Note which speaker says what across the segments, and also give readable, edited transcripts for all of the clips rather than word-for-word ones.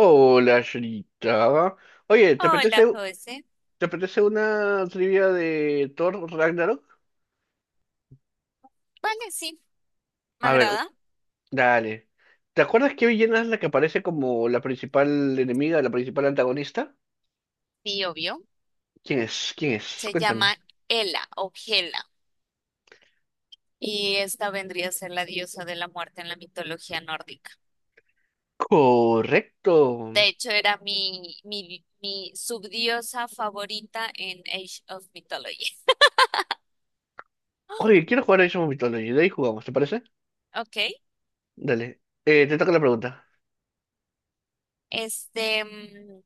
Speaker 1: Hola, Shrita. Oye,
Speaker 2: Hola, José.
Speaker 1: te apetece una trivia de Thor Ragnarok?
Speaker 2: Vale, sí, me
Speaker 1: A ver,
Speaker 2: agrada.
Speaker 1: dale. ¿Te acuerdas que Villena es la que aparece como la principal enemiga, la principal antagonista?
Speaker 2: Sí, obvio.
Speaker 1: ¿Quién es? ¿Quién es?
Speaker 2: Se
Speaker 1: Cuéntame.
Speaker 2: llama Hela o Hela. Y esta vendría a ser la diosa de la muerte en la mitología nórdica.
Speaker 1: Correcto.
Speaker 2: De hecho, era mi subdiosa favorita en Age of Mythology. Ah,
Speaker 1: Oye, quiero jugar a Age of Mythology. De ahí jugamos, ¿te parece?
Speaker 2: ok.
Speaker 1: Dale. Te toca la pregunta.
Speaker 2: Este, mm,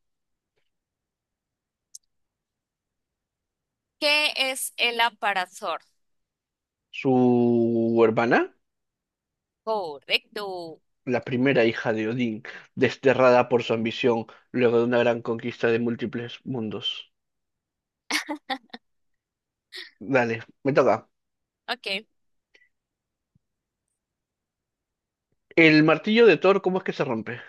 Speaker 2: ¿Qué es Hela para Thor?
Speaker 1: Su hermana,
Speaker 2: Correcto.
Speaker 1: la primera hija de Odín, desterrada por su ambición luego de una gran conquista de múltiples mundos. Dale, me toca.
Speaker 2: Ok.
Speaker 1: El martillo de Thor, ¿cómo es que se rompe?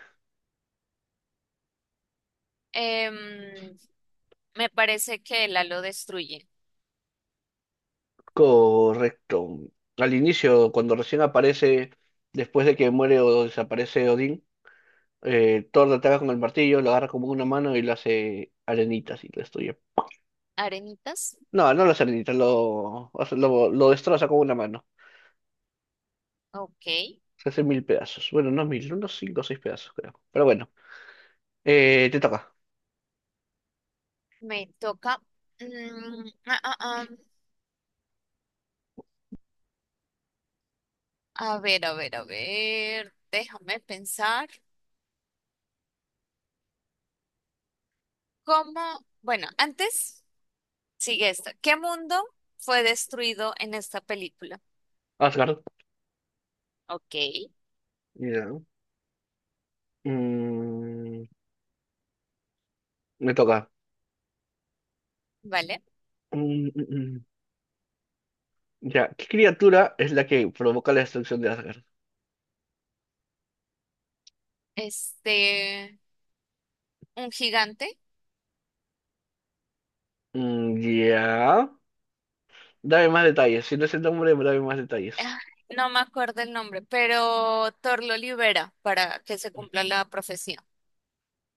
Speaker 2: Em, Me parece que Hela lo destruye.
Speaker 1: Correcto. Al inicio, cuando recién aparece, después de que muere o desaparece Odín, Thor le ataca con el martillo, lo agarra como una mano y lo hace arenitas y lo destruye.
Speaker 2: ¿Arenitas?
Speaker 1: No, no lo hace arenitas, lo destroza con una mano.
Speaker 2: Ok.
Speaker 1: Se hace mil pedazos. Bueno, no mil, unos cinco o seis pedazos, creo. Pero bueno, te toca.
Speaker 2: Me toca. mm, ah, ah, ah, A ver, a ver, a ver. Déjame pensar. ¿Cómo? Bueno, antes sigue esto. ¿Qué mundo fue destruido en esta película?
Speaker 1: Asgard.
Speaker 2: Ok,
Speaker 1: Ya. Mm, me toca.
Speaker 2: vale.
Speaker 1: Mm, mm, mm. Ya, ¿qué criatura es la que provoca la destrucción de Asgard?
Speaker 2: Este, un gigante.
Speaker 1: Mm, ya. Dame más detalles. Si no es el nombre, dame más detalles.
Speaker 2: Ah, No me acuerdo el nombre, pero Thor lo libera para que se cumpla la profecía.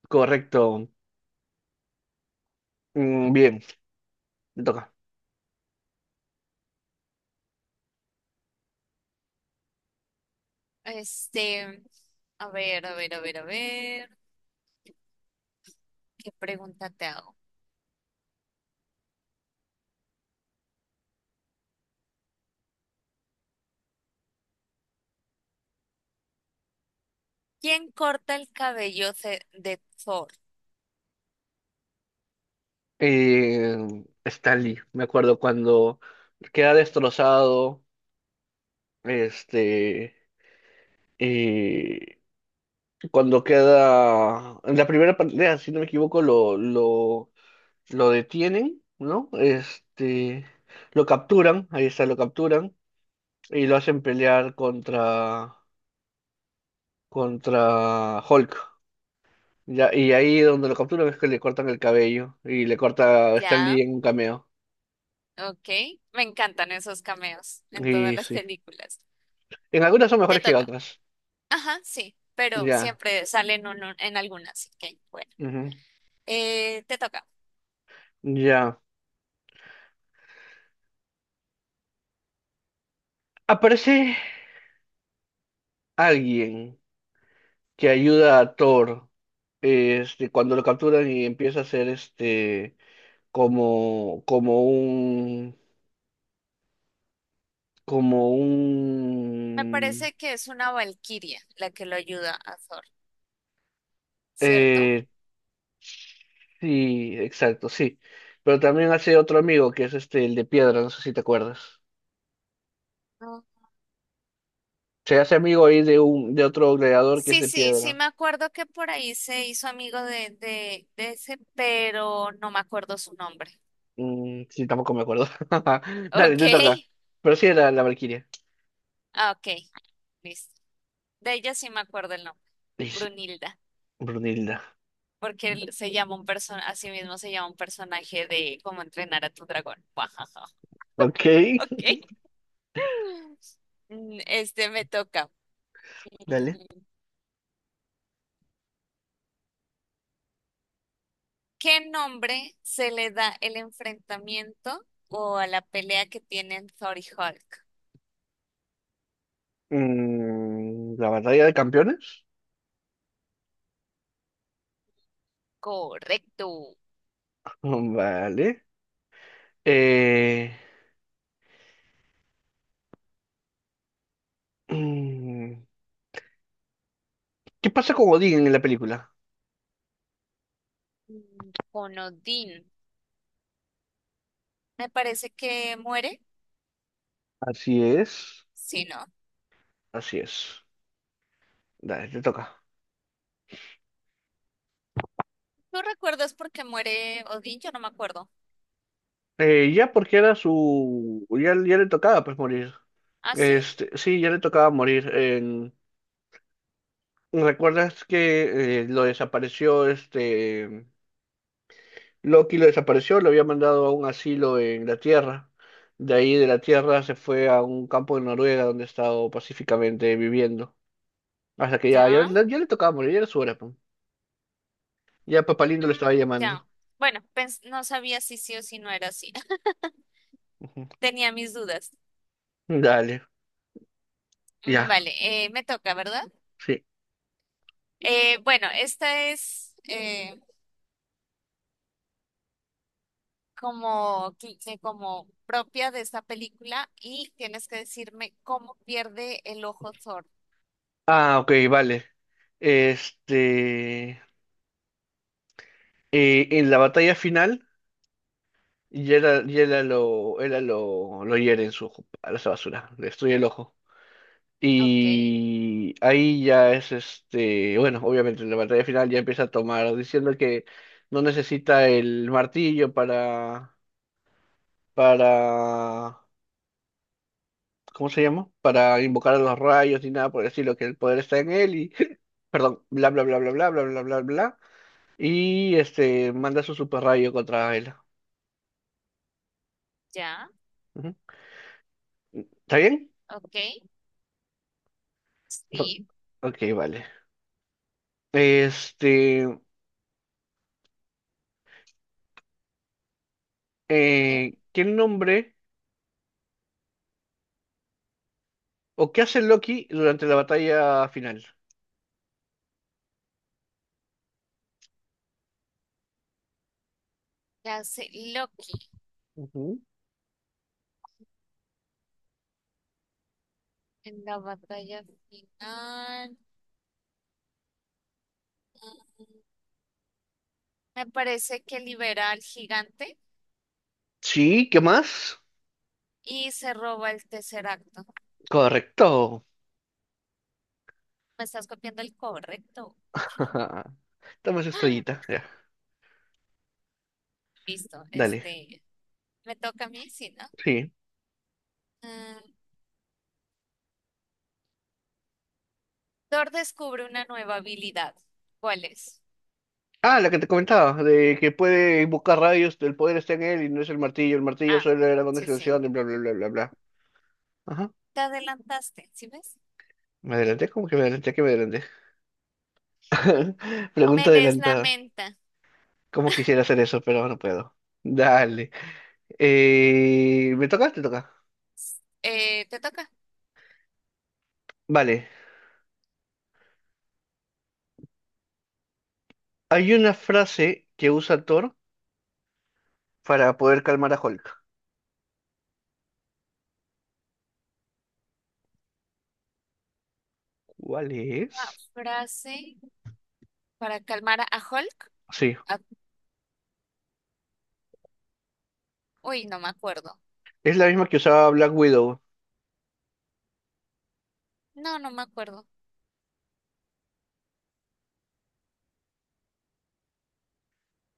Speaker 1: Correcto. Mm, bien, me toca.
Speaker 2: Este, a ver, a ver, a ver, a ver. ¿Qué pregunta te hago? ¿Quién corta el cabello de Thor?
Speaker 1: Eh, Stanley, me acuerdo cuando queda destrozado, este, eh, cuando queda, en la primera pelea, si no me equivoco, lo detienen, ¿no? Lo capturan, ahí está, lo capturan, y lo hacen pelear contra Hulk. Ya, y ahí donde lo capturan es que le cortan el cabello y le corta a Stan Lee
Speaker 2: Ya,
Speaker 1: en un cameo.
Speaker 2: ok. Me encantan esos cameos en todas
Speaker 1: Y
Speaker 2: las
Speaker 1: sí.
Speaker 2: películas.
Speaker 1: En algunas son
Speaker 2: Te
Speaker 1: mejores que
Speaker 2: toca.
Speaker 1: otras.
Speaker 2: Ajá, sí, pero
Speaker 1: Ya.
Speaker 2: siempre salen en, en algunas, así que bueno.
Speaker 1: Ujú.
Speaker 2: Te toca.
Speaker 1: Ya. Aparece alguien que ayuda a Thor cuando lo capturan y empieza a ser como, como un como
Speaker 2: Me
Speaker 1: un
Speaker 2: parece que es una valquiria la que lo ayuda a Thor, ¿cierto?
Speaker 1: eh, sí, exacto, sí. Pero también hace otro amigo que es este, el de piedra, no sé si te acuerdas.
Speaker 2: Mm.
Speaker 1: Se hace amigo ahí de otro gladiador que es
Speaker 2: Sí,
Speaker 1: de
Speaker 2: sí, sí,
Speaker 1: piedra.
Speaker 2: me acuerdo que por ahí se hizo amigo de ese, pero no me acuerdo su nombre.
Speaker 1: Mm, sí, tampoco me acuerdo. Dale,
Speaker 2: Ok.
Speaker 1: te toca. Pero sí era la Valquiria.
Speaker 2: Ah, ok, listo. De ella sí me acuerdo el nombre.
Speaker 1: Y sí,
Speaker 2: Brunilda,
Speaker 1: Brunilda.
Speaker 2: porque él se llama un persona, así mismo se llama un personaje de cómo entrenar a tu dragón. Guajaja.
Speaker 1: Ok,
Speaker 2: Ok. Este me toca.
Speaker 1: dale.
Speaker 2: Mm, ¿Qué nombre se le da el enfrentamiento o a la pelea que tienen Thor y Hulk?
Speaker 1: Mm, la batalla de campeones.
Speaker 2: Correcto.
Speaker 1: Mm, vale. Eh, mm, ¿Qué pasa con Odín en la película?
Speaker 2: Con Odín. Me parece que muere.
Speaker 1: Así es,
Speaker 2: Sí, ¿no?
Speaker 1: así es. Dale, te toca.
Speaker 2: ¿Tú recuerdas por qué muere Odín? Yo no me acuerdo.
Speaker 1: Ya porque era su... Ya, ya le tocaba pues morir.
Speaker 2: ¿Ah, sí?
Speaker 1: Este, sí, ya le tocaba morir. En- ¿Recuerdas que lo desapareció este... Loki lo desapareció, lo había mandado a un asilo en la Tierra. De ahí de la Tierra se fue a un campo de Noruega donde ha estado pacíficamente viviendo. Hasta que
Speaker 2: Ya.
Speaker 1: ya le tocaba morir, ya era su hora. Pum. Ya Papá Lindo lo
Speaker 2: Mm,
Speaker 1: estaba
Speaker 2: ya.
Speaker 1: llamando.
Speaker 2: Bueno, no sabía si sí o si no era así.
Speaker 1: Ujú.
Speaker 2: Tenía mis dudas.
Speaker 1: Dale, ya,
Speaker 2: Vale, me toca, ¿verdad?
Speaker 1: sí.
Speaker 2: Bueno, esta es como propia de esta película y tienes que decirme cómo pierde el ojo Thor.
Speaker 1: Ah, ok, vale. Este... en la batalla final, Yera, Yera lo, era lo hiere en su ojo, a esa basura, le destruye el ojo.
Speaker 2: Ok,
Speaker 1: Y ahí ya es este, bueno, obviamente en la batalla final ya empieza a tomar, diciendo que no necesita el martillo para, ¿cómo se llama? Para invocar a los rayos ni nada por el estilo, que el poder está en él y, perdón, bla, bla, bla, bla, bla, bla, bla, bla, bla, bla. Y este, manda su super rayo contra él.
Speaker 2: ya,
Speaker 1: Ujú. ¿Está bien?
Speaker 2: ok,
Speaker 1: Ro-
Speaker 2: sí.
Speaker 1: Ok, vale. Este,
Speaker 2: Eh,
Speaker 1: ¿Qué nombre o qué hace Loki durante la batalla final?
Speaker 2: ¿Qué hace Loki
Speaker 1: Ujú.
Speaker 2: en la batalla final? Mm, Me parece que libera al gigante
Speaker 1: Sí, ¿qué más?
Speaker 2: y se roba el tercer acto.
Speaker 1: Correcto.
Speaker 2: Me estás copiando el correcto.
Speaker 1: Dame esa estrellita, ya.
Speaker 2: Listo,
Speaker 1: Dale.
Speaker 2: este, me toca a mí, sí, ¿no?
Speaker 1: Sí.
Speaker 2: Mm, Thor descubre una nueva habilidad. ¿Cuál es?
Speaker 1: Ah, la que te comentaba, de que puede invocar rayos, el poder está en él y no es el martillo. El martillo
Speaker 2: Ah,
Speaker 1: solo era una
Speaker 2: sí,
Speaker 1: extensión
Speaker 2: sí.
Speaker 1: de, bla, bla, bla, bla, bla. Ajá.
Speaker 2: Te adelantaste, ¿sí ves?
Speaker 1: ¿Me adelanté? Que me adelanté?
Speaker 2: Me
Speaker 1: Pregunta
Speaker 2: lees la
Speaker 1: adelantada.
Speaker 2: menta.
Speaker 1: ¿Cómo quisiera hacer eso? Pero no puedo. Dale. ¿Me toca? Te toca.
Speaker 2: ¿Te toca?
Speaker 1: Vale. Hay una frase que usa Thor para poder calmar a Hulk. ¿Cuál
Speaker 2: Una
Speaker 1: es?
Speaker 2: frase para calmar a Hulk.
Speaker 1: Sí,
Speaker 2: A- Uy, no me acuerdo.
Speaker 1: es la misma que usaba Black Widow.
Speaker 2: No, no me acuerdo.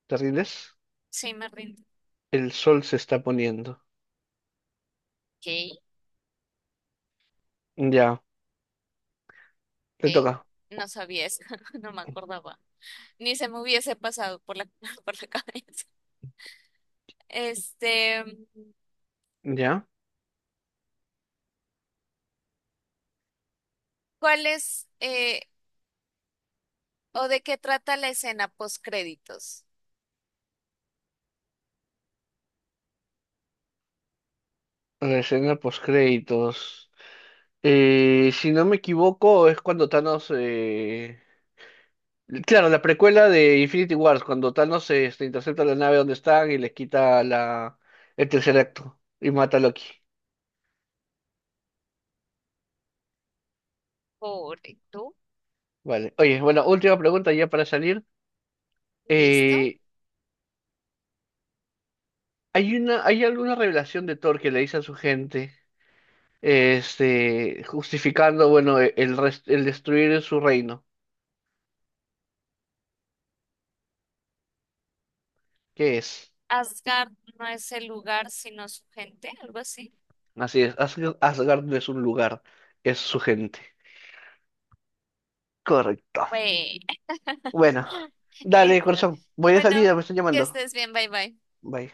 Speaker 1: ¿Te rindes?
Speaker 2: Sí, me rindo.
Speaker 1: El sol se está poniendo.
Speaker 2: Ok,
Speaker 1: Ya, te
Speaker 2: ok.
Speaker 1: toca.
Speaker 2: No sabía eso, no me acordaba. Ni se me hubiese pasado por la, por la cabeza. Este,
Speaker 1: Ya.
Speaker 2: ¿Cuál es o de qué trata la escena post créditos?
Speaker 1: La escena postcréditos. Si no me equivoco, es cuando Thanos. Claro, la precuela de Infinity Wars, cuando Thanos este, intercepta la nave donde están y les quita la... el tercer acto y mata a Loki.
Speaker 2: Correcto.
Speaker 1: Vale. Oye, bueno, última pregunta ya para salir.
Speaker 2: Listo.
Speaker 1: Eh, ¿Hay una, hay alguna revelación de Thor que le dice a su gente, justificando, bueno, el destruir su reino? ¿Qué es?
Speaker 2: Asgard no es el lugar, sino su gente, algo así.
Speaker 1: Así es, Asgard no es un lugar, es su gente. Correcto.
Speaker 2: Bueno.
Speaker 1: Bueno, dale,
Speaker 2: Listo.
Speaker 1: corazón. Voy de
Speaker 2: Bueno,
Speaker 1: salida, me están
Speaker 2: que
Speaker 1: llamando.
Speaker 2: estés bien. Bye bye.
Speaker 1: Bye.